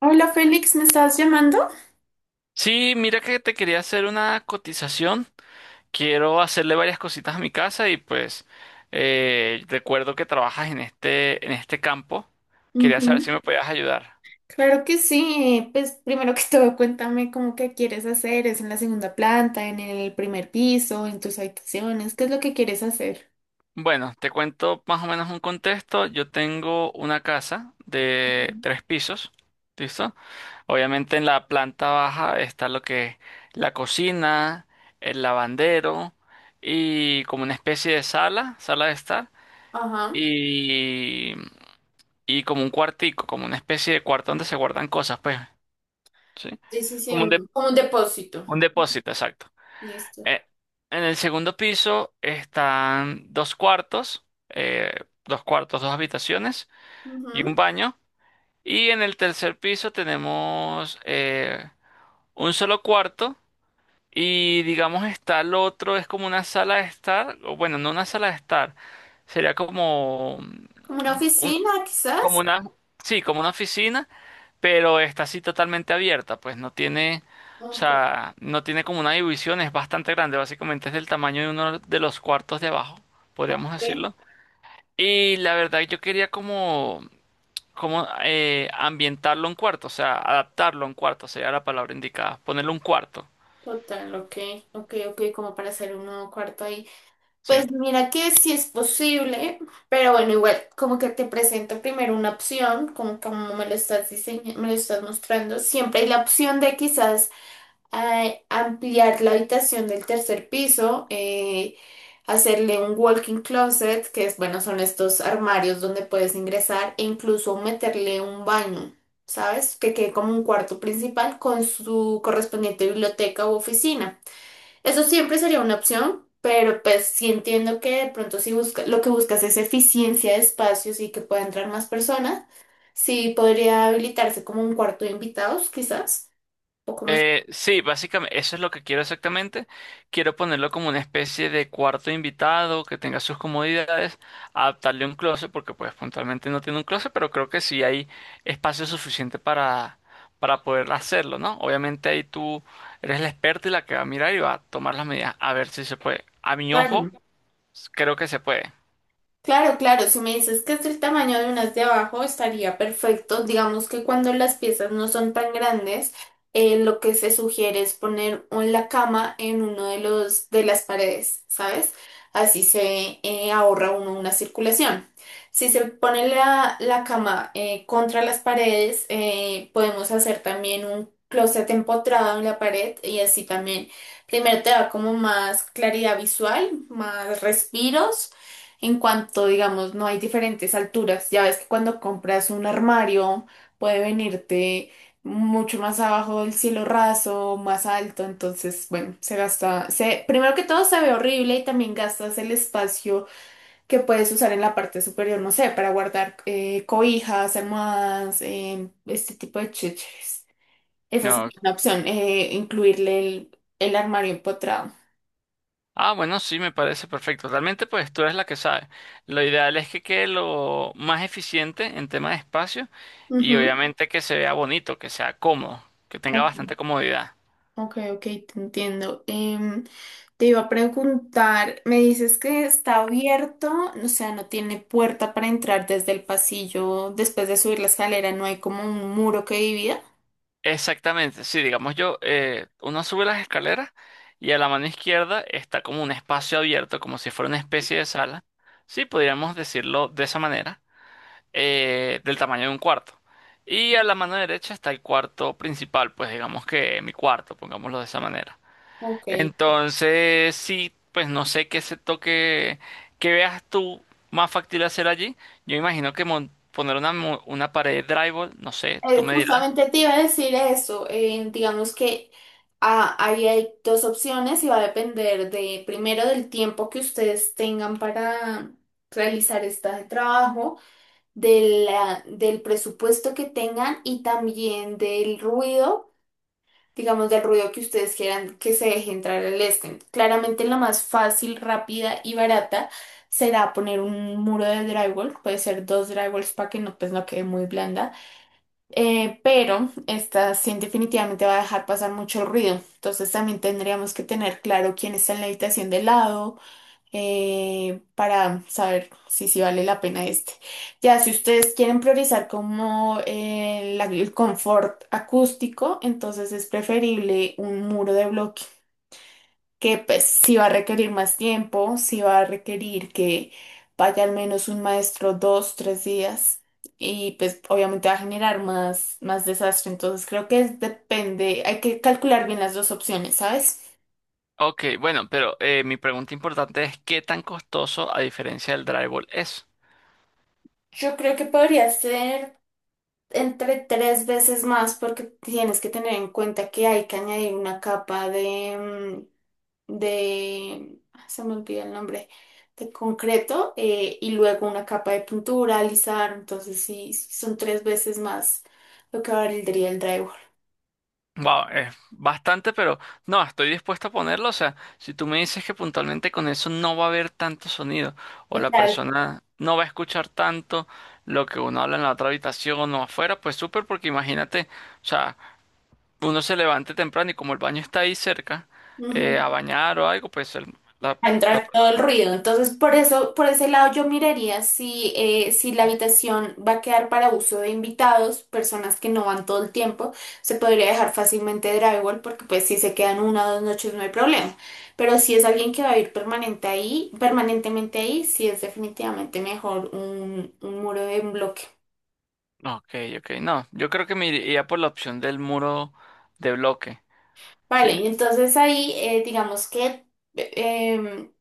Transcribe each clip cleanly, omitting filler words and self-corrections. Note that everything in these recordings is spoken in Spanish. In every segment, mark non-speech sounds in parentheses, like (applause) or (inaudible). Hola Félix, ¿me estás llamando? Sí, mira que te quería hacer una cotización. Quiero hacerle varias cositas a mi casa y pues recuerdo que trabajas en este campo. Quería saber Ujú. si me podías ayudar. Claro que sí. Pues primero que (laughs) todo, cuéntame cómo que quieres hacer. ¿Es en la segunda planta, en el primer piso, en tus habitaciones? ¿Qué es lo que quieres hacer? Bueno, te cuento más o menos un contexto. Yo tengo una casa de Ujú. tres pisos, ¿listo? Obviamente en la planta baja está lo que es la cocina, el lavandero y como una especie de sala, sala de estar. Ajá, Y y como un cuartico, como una especie de cuarto donde se guardan cosas, pues, ¿sí? sí, sí, sí, Como un, de- como un depósito. un depósito, exacto. Listo. Eh, en el segundo piso están dos cuartos, dos habitaciones y un Ujú. baño. Y en el tercer piso tenemos un solo cuarto y digamos está el otro, es como una sala de estar, o bueno, no una sala de estar, sería como, ¿Como una oficina, como quizás? una, sí, como una oficina, pero está así totalmente abierta, pues no tiene, o Ok, sea, no tiene como una división, es bastante grande, básicamente es del tamaño de uno de los cuartos de abajo, podríamos ok. decirlo. Y la verdad yo quería como, como ambientarlo en cuarto, o sea, adaptarlo en cuarto, sería la palabra indicada, ponerle un cuarto, Total, ok, ok, ok, como para hacer un nuevo cuarto ahí. Pues sí. mira que sí es posible, pero bueno, igual como que te presento primero una opción, como me lo estás diseñando, me lo estás mostrando, siempre hay la opción de quizás ampliar la habitación del tercer piso, hacerle un walk-in closet, que es bueno, son estos armarios donde puedes ingresar e incluso meterle un baño, ¿sabes? Que quede como un cuarto principal con su correspondiente biblioteca u oficina. Eso siempre sería una opción, pero pues sí entiendo que de pronto si busca, lo que buscas es eficiencia de espacios y que pueda entrar más personas, sí podría habilitarse como un cuarto de invitados, quizás, un poco más. Sí, básicamente eso es lo que quiero exactamente. Quiero ponerlo como una especie de cuarto invitado que tenga sus comodidades, adaptarle un closet, porque pues puntualmente no tiene un closet, pero creo que sí hay espacio suficiente para poder hacerlo, ¿no? Obviamente ahí tú eres la experta y la que va a mirar y va a tomar las medidas a ver si se puede. A mi Claro. ojo, creo que se puede. Claro, claro, si me dices que es el tamaño de unas de abajo, estaría perfecto. Digamos que cuando las piezas no son tan grandes, lo que se sugiere es poner la cama en uno de los de las paredes, ¿sabes? Así se ahorra uno una circulación. Si se pone la cama contra las paredes, podemos hacer también un closet empotrado en la pared y así también, primero te da como más claridad visual, más respiros. En cuanto, digamos, no hay diferentes alturas, ya ves que cuando compras un armario puede venirte mucho más abajo del cielo raso, más alto, entonces, bueno, se gasta, primero que todo se ve horrible y también gastas el espacio que puedes usar en la parte superior, no sé, para guardar cobijas, almohadas, este tipo de chécheres. Esa sí No, es una opción, incluirle el armario empotrado. ah, bueno, sí, me parece perfecto. Realmente, pues tú eres la que sabe. Lo ideal es que quede lo más eficiente en tema de espacio y Ujú. obviamente que se vea bonito, que sea cómodo, que tenga Ok, bastante comodidad. ok, ok, te entiendo. Te iba a preguntar, me dices que está abierto, o sea, no tiene puerta para entrar desde el pasillo, después de subir la escalera, no hay como un muro que divida. Exactamente, sí, digamos, uno sube las escaleras y a la mano izquierda está como un espacio abierto, como si fuera una especie de sala. Sí, podríamos decirlo de esa manera, del tamaño de un cuarto. Y a la mano derecha está el cuarto principal, pues digamos que mi cuarto, pongámoslo de esa manera. Ok. Entonces, sí, pues no sé qué se toque, qué veas tú más factible hacer allí. Yo imagino que poner una, una pared de drywall, no sé, tú me dirás. Justamente te iba a decir eso, digamos que ahí hay dos opciones y va a depender de, primero, del tiempo que ustedes tengan para realizar este trabajo, del presupuesto que tengan y también del ruido digamos, del ruido que ustedes quieran que se deje entrar el estén. Claramente la más fácil, rápida y barata será poner un muro de drywall, puede ser dos drywalls para que no, pues, no quede muy blanda. Pero esta sí definitivamente va a dejar pasar mucho ruido, entonces también tendríamos que tener claro quién está en la habitación de lado, para saber si vale la pena este. Ya, si ustedes quieren priorizar como el confort acústico, entonces es preferible un muro de bloque, que pues sí va a requerir más tiempo, sí va a requerir que vaya al menos un maestro 2, 3 días. Y pues obviamente va a generar más, más desastre. Entonces creo que depende, hay que calcular bien las dos opciones, ¿sabes? Ok, bueno, pero mi pregunta importante es, ¿qué tan costoso a diferencia del drywall es? Yo creo que podría ser entre tres veces más porque tienes que tener en cuenta que hay que añadir una capa de, se me olvida el nombre, de concreto y luego una capa de pintura, alisar, entonces sí, sí son tres veces más lo que valdría el drywall. Wow, es bastante, pero no, estoy dispuesto a ponerlo. O sea, si tú me dices que puntualmente con eso no va a haber tanto sonido, o la Total. persona no va a escuchar tanto lo que uno habla en la otra habitación o afuera, pues súper, porque imagínate, o sea, uno se levante temprano y como el baño está ahí cerca, a bañar o algo, pues la, A la entrar todo el persona. ruido. Entonces, por eso, por ese lado yo miraría si la habitación va a quedar para uso de invitados, personas que no van todo el tiempo, se podría dejar fácilmente drywall porque pues si se quedan una o dos noches no hay problema. Pero si es alguien que va a ir permanente ahí, permanentemente ahí, sí es definitivamente mejor un muro en bloque. Ok, ok, no, yo creo que me iría por la opción del muro de bloque, Vale, ¿sí? y entonces ahí digamos que. em,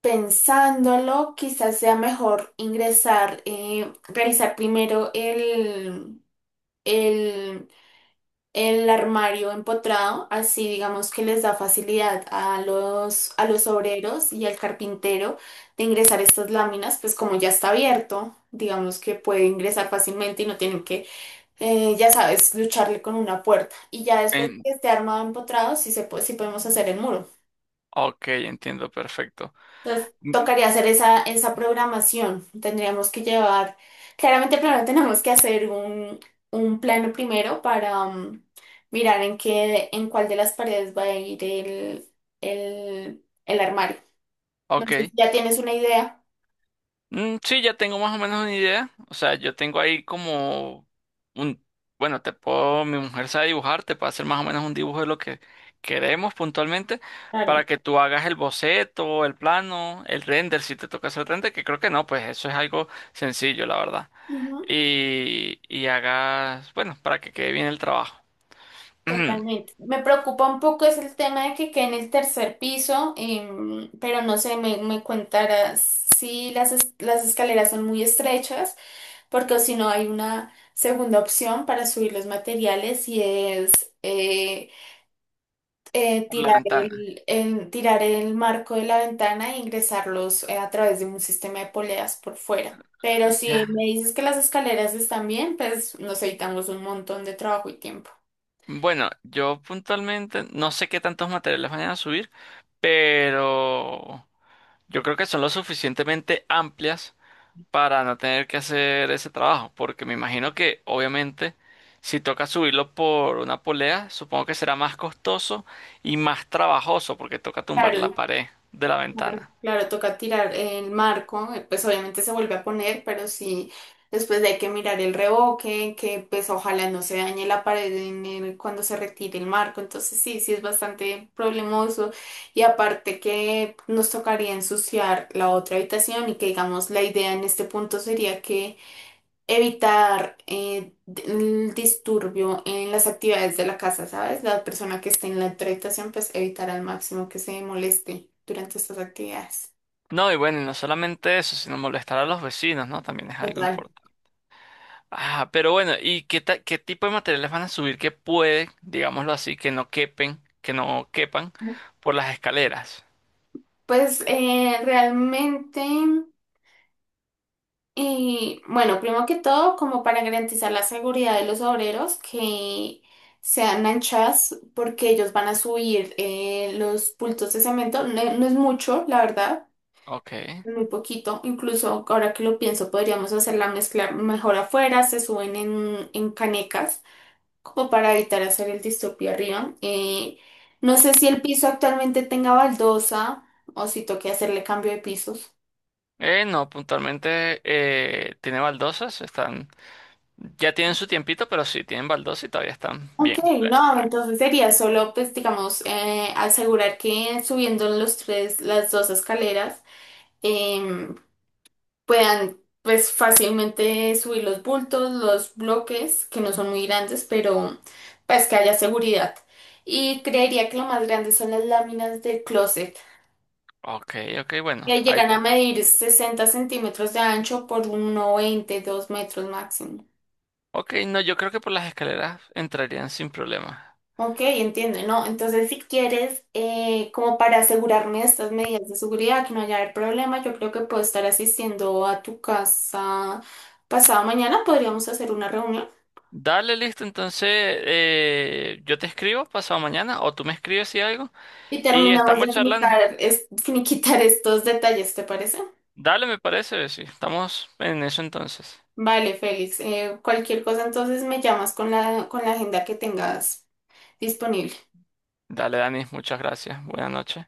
Pensándolo, quizás sea mejor ingresar, realizar primero el, el armario empotrado, así digamos que les da facilidad a los obreros y al carpintero de ingresar estas láminas, pues como ya está abierto, digamos que puede ingresar fácilmente y no tienen que, ya sabes, lucharle con una puerta. Y ya después de En, que esté armado empotrado, sí, se puede, sí podemos hacer el muro. ok, entiendo, perfecto. Entonces, Mm. tocaría hacer esa programación. Tendríamos que llevar, claramente primero tenemos que hacer un plano primero para mirar en qué, en cuál de las paredes va a ir el armario. No sé si Ok. ya tienes una idea. Mm, sí, ya tengo más o menos una idea. O sea, yo tengo ahí como un, bueno, te puedo, mi mujer sabe dibujar, te puede hacer más o menos un dibujo de lo que queremos puntualmente Claro. para que tú hagas el boceto, el plano, el render, si te toca hacer render, que creo que no, pues eso es algo sencillo, la verdad. Ujú, Y hagas, bueno, para que quede bien el trabajo. (clears throat) Por totalmente. Me preocupa un poco es el tema de que quede en el tercer piso, pero no sé, me contarás si las escaleras son muy estrechas. Porque si no hay una segunda opción para subir los materiales y es eh, la ventana. Tirar el marco de la ventana e ingresarlos a través de un sistema de poleas por fuera. Pero si Ya. me dices que las escaleras están bien, pues nos evitamos un montón de trabajo y tiempo. Bueno, yo puntualmente no sé qué tantos materiales vayan a subir, pero... Yo creo que son lo suficientemente amplias para no tener que hacer ese trabajo, porque me imagino que obviamente si toca subirlo por una polea, supongo que será más costoso y más trabajoso porque toca tumbar la Claro, pared de la claro, ventana. claro, toca tirar el marco, pues obviamente se vuelve a poner, pero sí, después hay que mirar el revoque, que pues ojalá no se dañe la pared cuando se retire el marco, entonces sí, sí es bastante problemoso y aparte que nos tocaría ensuciar la otra habitación y que digamos la idea en este punto sería que evitar el disturbio en las actividades de la casa, ¿sabes? La persona que esté en la otra habitación, pues evitar al máximo que se moleste durante estas actividades. No, y bueno, y no solamente eso, sino molestar a los vecinos, ¿no? También es algo Total. importante. Ah, pero bueno, ¿ qué tipo de materiales van a subir que pueden, digámoslo así, que no quepen, que no quepan por las escaleras? Pues realmente, y bueno, primero que todo, como para garantizar la seguridad de los obreros que sean anchas, porque ellos van a subir los bultos de cemento, no, no es mucho, la verdad. Ok. Muy poquito, incluso ahora que lo pienso, podríamos hacer la mezcla mejor afuera, se suben en canecas, como para evitar hacer el distopio arriba. No sé si el piso actualmente tenga baldosa o si toque hacerle cambio de pisos. No, puntualmente tiene baldosas, están, ya tienen su tiempito, pero sí, tienen baldosas y todavía están Ok, bien. Bien, no, breve. entonces sería solo, pues, digamos, asegurar que subiendo las dos escaleras, puedan pues fácilmente subir los bultos, los bloques, que no son muy grandes, pero pues que haya seguridad. Y creería que lo más grande son las láminas del closet. Ok, ok, bueno, Que llegan a medir 60 cm de ancho por uno veinte 2 m máximo. ok, no, yo creo que por las escaleras entrarían sin problema. Ok, entiendo, ¿no? Entonces, si quieres, como para asegurarme de estas medidas de seguridad, que no haya haber problema, yo creo que puedo estar asistiendo a tu casa pasado mañana. Podríamos hacer una reunión. Dale, listo, entonces yo te escribo pasado mañana o tú me escribes si algo Y y terminamos estamos de charlando. Finiquitar (laughs) estos detalles, ¿te parece? Dale, me parece, sí, estamos en eso entonces. Vale, Félix. Cualquier cosa entonces me llamas con con la agenda que tengas disponible. Dale, Dani, muchas gracias, buenas noches.